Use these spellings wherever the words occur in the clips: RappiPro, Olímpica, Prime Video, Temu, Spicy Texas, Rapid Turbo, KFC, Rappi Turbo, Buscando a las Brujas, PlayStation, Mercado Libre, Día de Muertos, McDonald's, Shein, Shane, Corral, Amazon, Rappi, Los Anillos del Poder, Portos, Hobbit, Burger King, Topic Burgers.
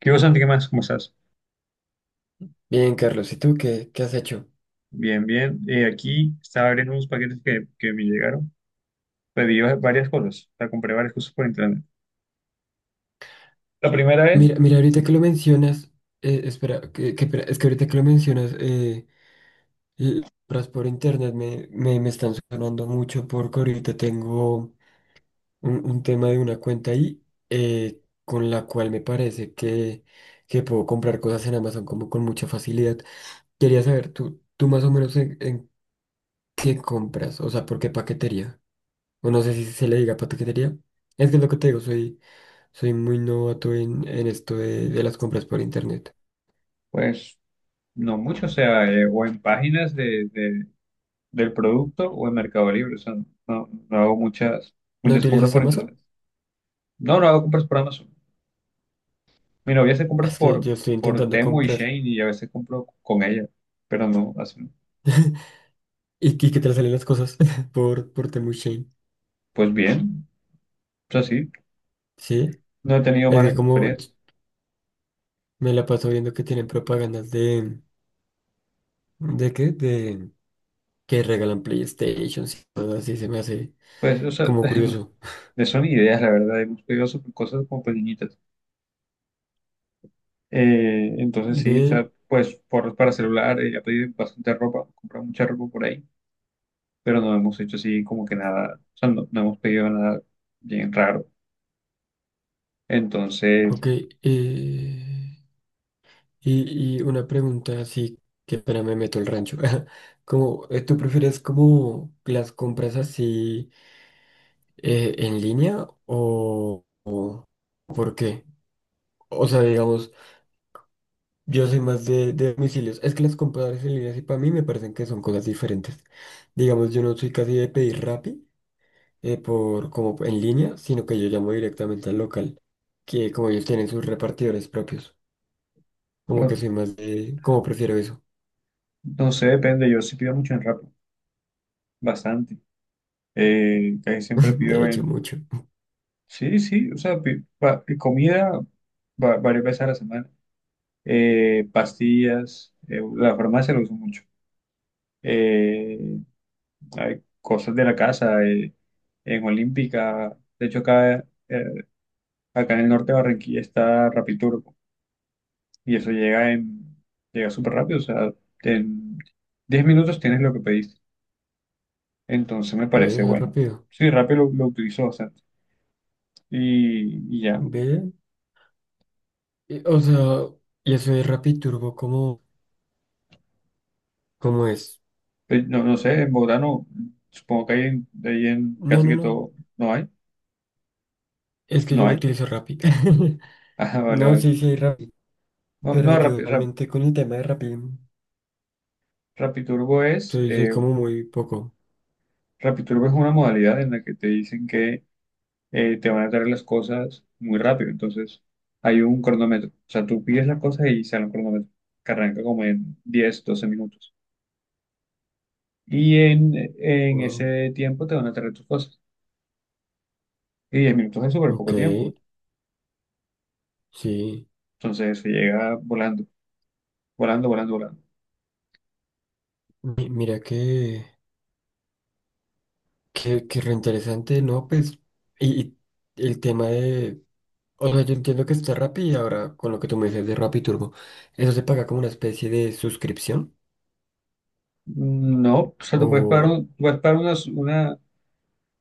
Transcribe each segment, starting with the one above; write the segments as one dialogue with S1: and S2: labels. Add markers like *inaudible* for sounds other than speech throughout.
S1: ¿Qué vos, Santi? ¿Qué más? ¿Cómo estás?
S2: Bien, Carlos, ¿y tú qué, qué has hecho?
S1: Bien, bien. Aquí estaba abriendo unos paquetes que me llegaron. Pedí varias cosas. O sea, compré varias cosas por internet. La primera es,
S2: Mira, mira, ahorita que lo mencionas, espera, que espera, es que ahorita que lo mencionas, compras por internet me están sonando mucho porque ahorita tengo un tema de una cuenta ahí eh, con la cual me parece que puedo comprar cosas en Amazon como con mucha facilidad. Quería saber, tú más o menos en qué compras, o sea, por qué paquetería, o no sé si se le diga paquetería. Es que es lo que te digo, soy... Soy muy novato en esto de las compras por internet.
S1: pues, no mucho. O sea, o en páginas de, del producto o en Mercado Libre. O sea, no hago muchas,
S2: ¿No
S1: muchas compras
S2: utilizas
S1: por internet.
S2: Amazon?
S1: No, no hago compras por Amazon. Mi novia hace compras
S2: Es que yo estoy
S1: por
S2: intentando
S1: Temu y
S2: comprar.
S1: Shane y a veces compro con ella. Pero no, así,
S2: *laughs* ¿Y, y qué te salen las cosas? *laughs* Por Temu Shein.
S1: pues bien. O sea, sí,
S2: Sí.
S1: no he tenido
S2: Es que
S1: malas
S2: como
S1: experiencias.
S2: me la paso viendo que tienen propagandas de... ¿De qué? De que regalan PlayStations y todo así. Se me hace
S1: Pues, o sea,
S2: como curioso.
S1: *laughs* de son ideas, la verdad, hemos pedido sobre cosas como pequeñitas. Entonces sí, o
S2: Ve,
S1: sea, pues por, para celular, he pedido bastante ropa, comprado mucha ropa por ahí, pero no hemos hecho así como que nada, o sea, no hemos pedido nada bien raro. Entonces,
S2: ok. Eh, y una pregunta así que para me meto el rancho. *laughs* Como, ¿tú prefieres como las compras así, en línea o por qué? O sea, digamos, yo soy más de domicilios. Es que las compradoras en línea sí para mí me parecen que son cosas diferentes. Digamos, yo no soy casi de pedir Rappi por, como en línea, sino que yo llamo directamente al local, que como ellos tienen sus repartidores propios. Como que
S1: bueno,
S2: soy más de, como prefiero eso.
S1: no sé, depende, yo sí pido mucho en Rappi, bastante. Casi siempre
S2: *laughs* De
S1: pido
S2: hecho,
S1: en,
S2: mucho.
S1: sí, sí, o sea, comida varias veces a la semana. Pastillas, la farmacia lo uso mucho. Eh, hay cosas de la casa, en Olímpica. De hecho, acá, acá en el norte de Barranquilla está Rapid Turbo y eso llega en, llega súper rápido, o sea, en 10 minutos tienes lo que pediste. Entonces me
S2: Ve,
S1: parece
S2: eso es
S1: bueno.
S2: rápido.
S1: Sí, rápido lo utilizo bastante y ya.
S2: Ve. O sea, y eso es Rappi Turbo, ¿cómo cómo es?
S1: Pues, no, no sé, en Bogotá no, supongo que hay en, ahí en
S2: No,
S1: casi
S2: no,
S1: que
S2: no.
S1: todo, no hay,
S2: Es que
S1: no
S2: yo no
S1: hay. *laughs*
S2: utilizo Rappi. *laughs*
S1: Ah, vale,
S2: No,
S1: vale.
S2: sí, sí hay Rappi,
S1: No,
S2: pero
S1: no
S2: yo
S1: Rapid,
S2: realmente con el tema de Rappi
S1: Rapid Turbo es...
S2: soy, soy
S1: eh,
S2: como muy poco.
S1: Rapid Turbo es una modalidad en la que te dicen que te van a traer las cosas muy rápido. Entonces, hay un cronómetro. O sea, tú pides las cosas y sale un cronómetro que arranca como en 10 o 12 minutos. Y en
S2: Wow.
S1: ese tiempo te van a traer tus cosas. Y 10 minutos es súper poco
S2: Ok,
S1: tiempo.
S2: sí.
S1: Entonces, se llega volando, volando, volando, volando.
S2: Mira que re interesante, ¿no? Pues, y, y el tema de... O sea, yo entiendo que está Rappi y ahora con lo que tú me dices de Rappi Turbo, ¿eso se paga como una especie de suscripción?
S1: No, o sea, tú puedes pagar,
S2: O...
S1: puedes pagar una,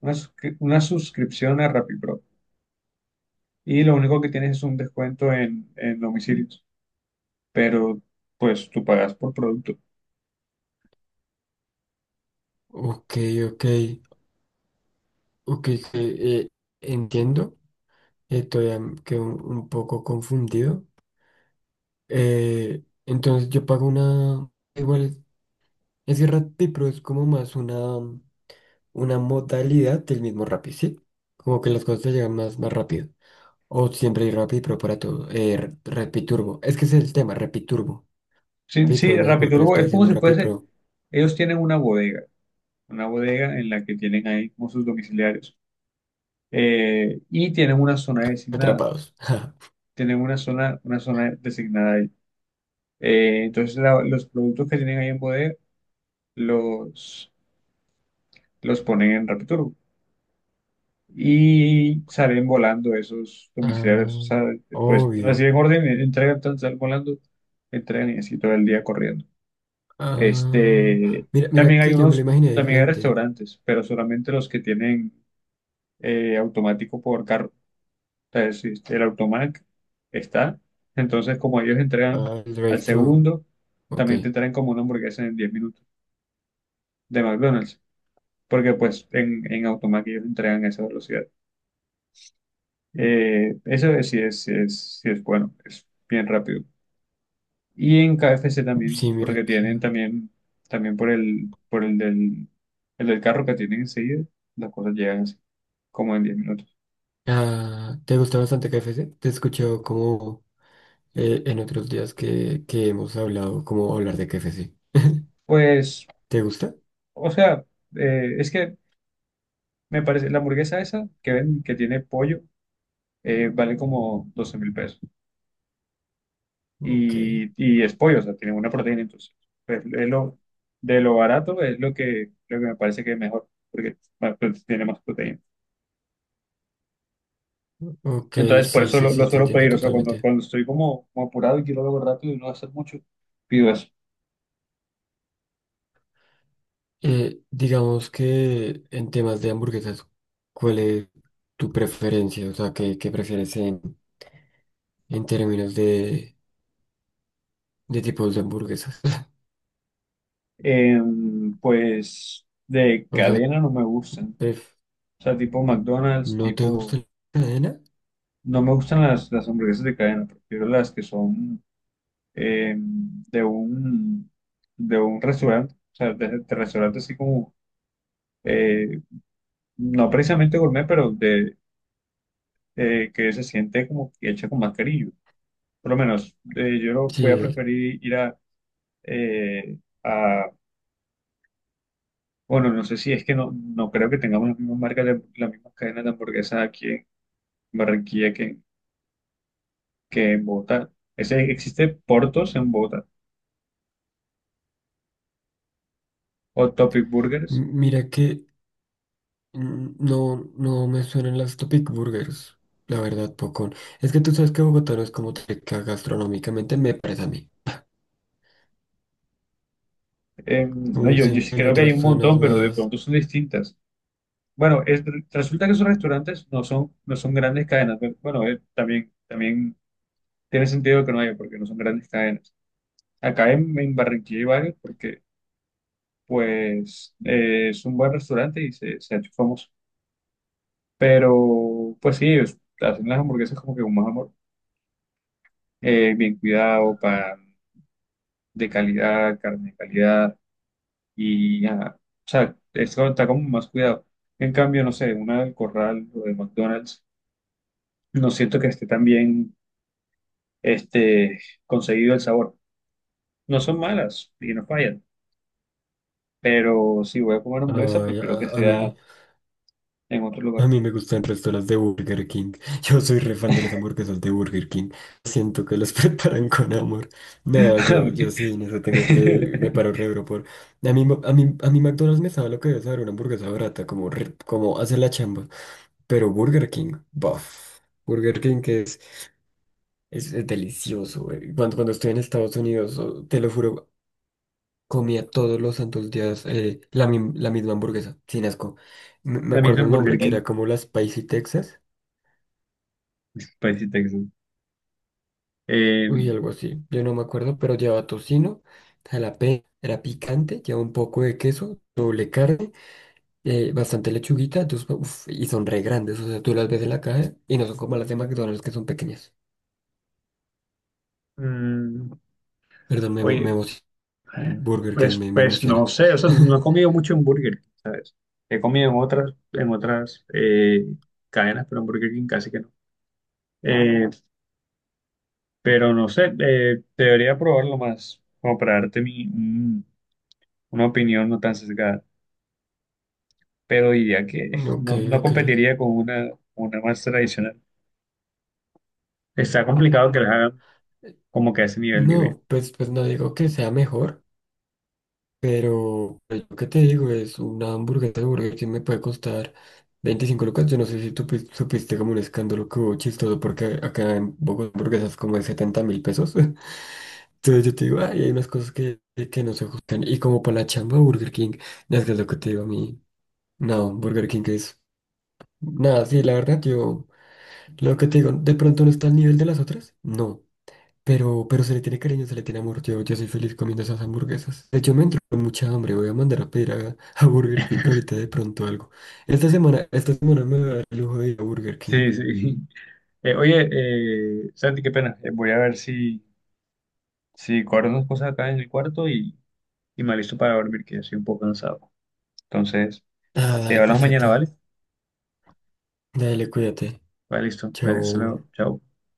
S1: una, una suscripción a RappiPro y lo único que tienes es un descuento en domicilios, pero pues tú pagas por producto.
S2: Ok, ok, ok, que, eh, entiendo. Todavía quedo un poco confundido. Entonces yo pago una, igual es que Rappi, pero es como más una modalidad del mismo Rappi, ¿sí? Como que las cosas te llegan más, más rápido. O siempre hay Rappi, pero para todo. Rappi Turbo. Es que ese es el tema, Rappi Turbo.
S1: Sí,
S2: Rappi
S1: sí,
S2: Pro, no sé
S1: Rappi
S2: por qué le
S1: Turbo
S2: estoy
S1: es como
S2: diciendo
S1: si
S2: Rappi
S1: fuese,
S2: Pro.
S1: ellos tienen una bodega en la que tienen ahí como sus domiciliarios y tienen una zona designada,
S2: Atrapados. *laughs*
S1: tienen una zona designada ahí. Entonces los productos que tienen ahí en bodega los, los ponen en Rappi Turbo y salen volando esos domiciliarios, o
S2: Ah,
S1: sea, pues
S2: obvio.
S1: reciben orden, entregan, salen volando, entregan y así todo el día corriendo.
S2: Ah,
S1: Este,
S2: mira, mira
S1: también hay
S2: que yo me lo
S1: unos,
S2: imaginé
S1: también hay
S2: diferente.
S1: restaurantes, pero solamente los que tienen automático por carro. O sea, el automac está. Entonces, como ellos entregan
S2: Ah, el
S1: al
S2: drive-thru.
S1: segundo,
S2: Ok.
S1: también te traen como una hamburguesa en 10 minutos de McDonald's, porque pues en automac ellos entregan a esa velocidad. Sí es, sí es, sí es bueno, es bien rápido. Y en KFC también,
S2: Sí, mira
S1: porque
S2: que.
S1: tienen también, también por el del carro que tienen enseguida, las cosas llegan así, como en 10 minutos.
S2: Ah, ¿te gusta bastante KFC? Te he escuchado como en otros días que hemos hablado, como hablar de KFC. *laughs*
S1: Pues,
S2: ¿Te gusta?
S1: o sea, es que me parece, la hamburguesa esa que ven, que tiene pollo, vale como 12.000 pesos.
S2: Ok,
S1: Y, y es pollo, o sea, tiene una proteína, entonces, pues, es lo, de lo barato es lo que me parece que es mejor, porque bueno, pues, tiene más proteína.
S2: ok,
S1: Entonces, por
S2: sí,
S1: eso
S2: sí,
S1: lo
S2: sí, te
S1: suelo
S2: entiendo
S1: pedir. O sea, cuando,
S2: totalmente.
S1: cuando estoy como, como apurado y quiero algo rápido y no hacer mucho, pido eso.
S2: Digamos que en temas de hamburguesas, ¿cuál es tu preferencia? O sea, ¿qué, qué prefieres en términos de tipos de hamburguesas? *laughs*
S1: Pues de
S2: O sea,
S1: cadena no me gustan.
S2: pref-
S1: O sea, tipo McDonald's,
S2: ¿no te gusta
S1: tipo...
S2: la cadena?
S1: No me gustan las hamburguesas de cadena. Prefiero las que son em, de un, de un restaurante. O sea, de restaurante así como... eh, no precisamente gourmet, pero de que se siente como que hecha con más cariño. Por lo menos, yo lo voy a
S2: Sí,
S1: preferir ir eh, a, bueno, no sé si es que no, no creo que tengamos las mismas marcas, las mismas cadenas de hamburguesas aquí en Barranquilla que en Bogotá. Ese, existe Portos en Bogotá o Topic Burgers.
S2: mira que mm, no, no me suenan las Topic Burgers, la verdad, poco. Es que tú sabes que Bogotá no es como rica gastronómicamente, me parece a mí.
S1: No,
S2: Como
S1: yo, yo
S2: siento
S1: sí
S2: en
S1: creo que hay
S2: otras
S1: un
S2: zonas
S1: montón, pero de
S2: más,
S1: pronto son distintas. Bueno, resulta que esos restaurantes no son, no son grandes cadenas, pero bueno, también, también tiene sentido que no haya, porque no son grandes cadenas. Acá en Barranquilla hay varios porque, pues, es un buen restaurante y se ha hecho famoso. Pero, pues sí, hacen las hamburguesas como que con más amor, bien cuidado, pan de calidad, carne de calidad, y ajá, o sea, esto está como más cuidado. En cambio, no sé, una del Corral o de McDonald's, no siento que esté tan bien este, conseguido el sabor. No son malas y no fallan, pero si voy a comer hamburguesa,
S2: ay,
S1: prefiero que
S2: a
S1: sea
S2: mí
S1: en otro
S2: a
S1: lugar.
S2: mí me gustan el resto las de Burger King. *laughs* Yo soy re fan de las hamburguesas de Burger King. Siento que las *laughs* preparan con amor.
S1: *laughs*
S2: No,
S1: A
S2: yo,
S1: mí-
S2: yo sí, en eso tengo que... Me
S1: *laughs*
S2: paro re duro por... A mí, a mí, a mí McDonald's me sabe lo que debe saber una hamburguesa barata, como, como hace la chamba. Pero Burger King, buf. Burger King que es delicioso, güey. Cuando estoy en Estados Unidos, oh, te lo juro, comía todos los santos días la misma hamburguesa, sin asco. Me
S1: La misma
S2: acuerdo
S1: en
S2: el
S1: Burger
S2: nombre, que
S1: King,
S2: era como la Spicy Texas.
S1: *laughs* spicy Texas. Eh,
S2: Uy, algo así, yo no me acuerdo, pero lleva tocino, jalapeño, era picante, lleva un poco de queso, doble carne, bastante lechuguita, entonces, uf, y son re grandes, o sea, tú las ves en la caja y no son como las de McDonald's que son pequeñas.
S1: mm,
S2: Perdón, me
S1: Oye,
S2: emociona. Burger King
S1: pues,
S2: me, me
S1: pues no
S2: emociona.
S1: sé, o sea, no no he
S2: *laughs*
S1: comido mucho en Burger King. He comido en otras cadenas, pero en Burger King casi que no. Eh, pero no sé, debería probarlo más, como para darte mi, una opinión no tan sesgada. Pero diría que *laughs*
S2: Ok,
S1: no, no
S2: ok.
S1: competiría con una más tradicional. Está complicado que las hagan como que a ese nivel, digo yo.
S2: No, pues, pues no digo que sea mejor, pero pues, lo que te digo, es una hamburguesa de Burger King me puede costar 25 lucas. Yo no sé si tú supiste como un escándalo que hubo chistoso porque acá en Bogotá hamburguesas como de 70.000 pesos. *laughs* Entonces yo te digo, ay, hay unas cosas que no se ajustan. Y como para la chamba Burger King, no, es que es lo que te digo a mí. No, Burger King es... Nada, sí, la verdad, yo... Lo que te digo, ¿de pronto no está al nivel de las otras? No. Pero se le tiene cariño, se le tiene amor. Yo soy feliz comiendo esas hamburguesas. De hecho, me entró mucha hambre. Voy a mandar a pedir a, *laughs* a Burger King ahorita de pronto algo. Esta semana me voy a dar el lujo de ir a Burger King.
S1: Sí, sí. *laughs* Oye, Santi, qué pena. Voy a ver si, si guardo unas cosas acá en el cuarto y me listo para dormir, que ya estoy un poco cansado. Entonces,
S2: Ah,
S1: te
S2: dale,
S1: hablamos mañana, ¿vale?
S2: perfecto. Dale, cuídate.
S1: Vale, listo. Dale, hasta luego.
S2: Chao.
S1: Chao.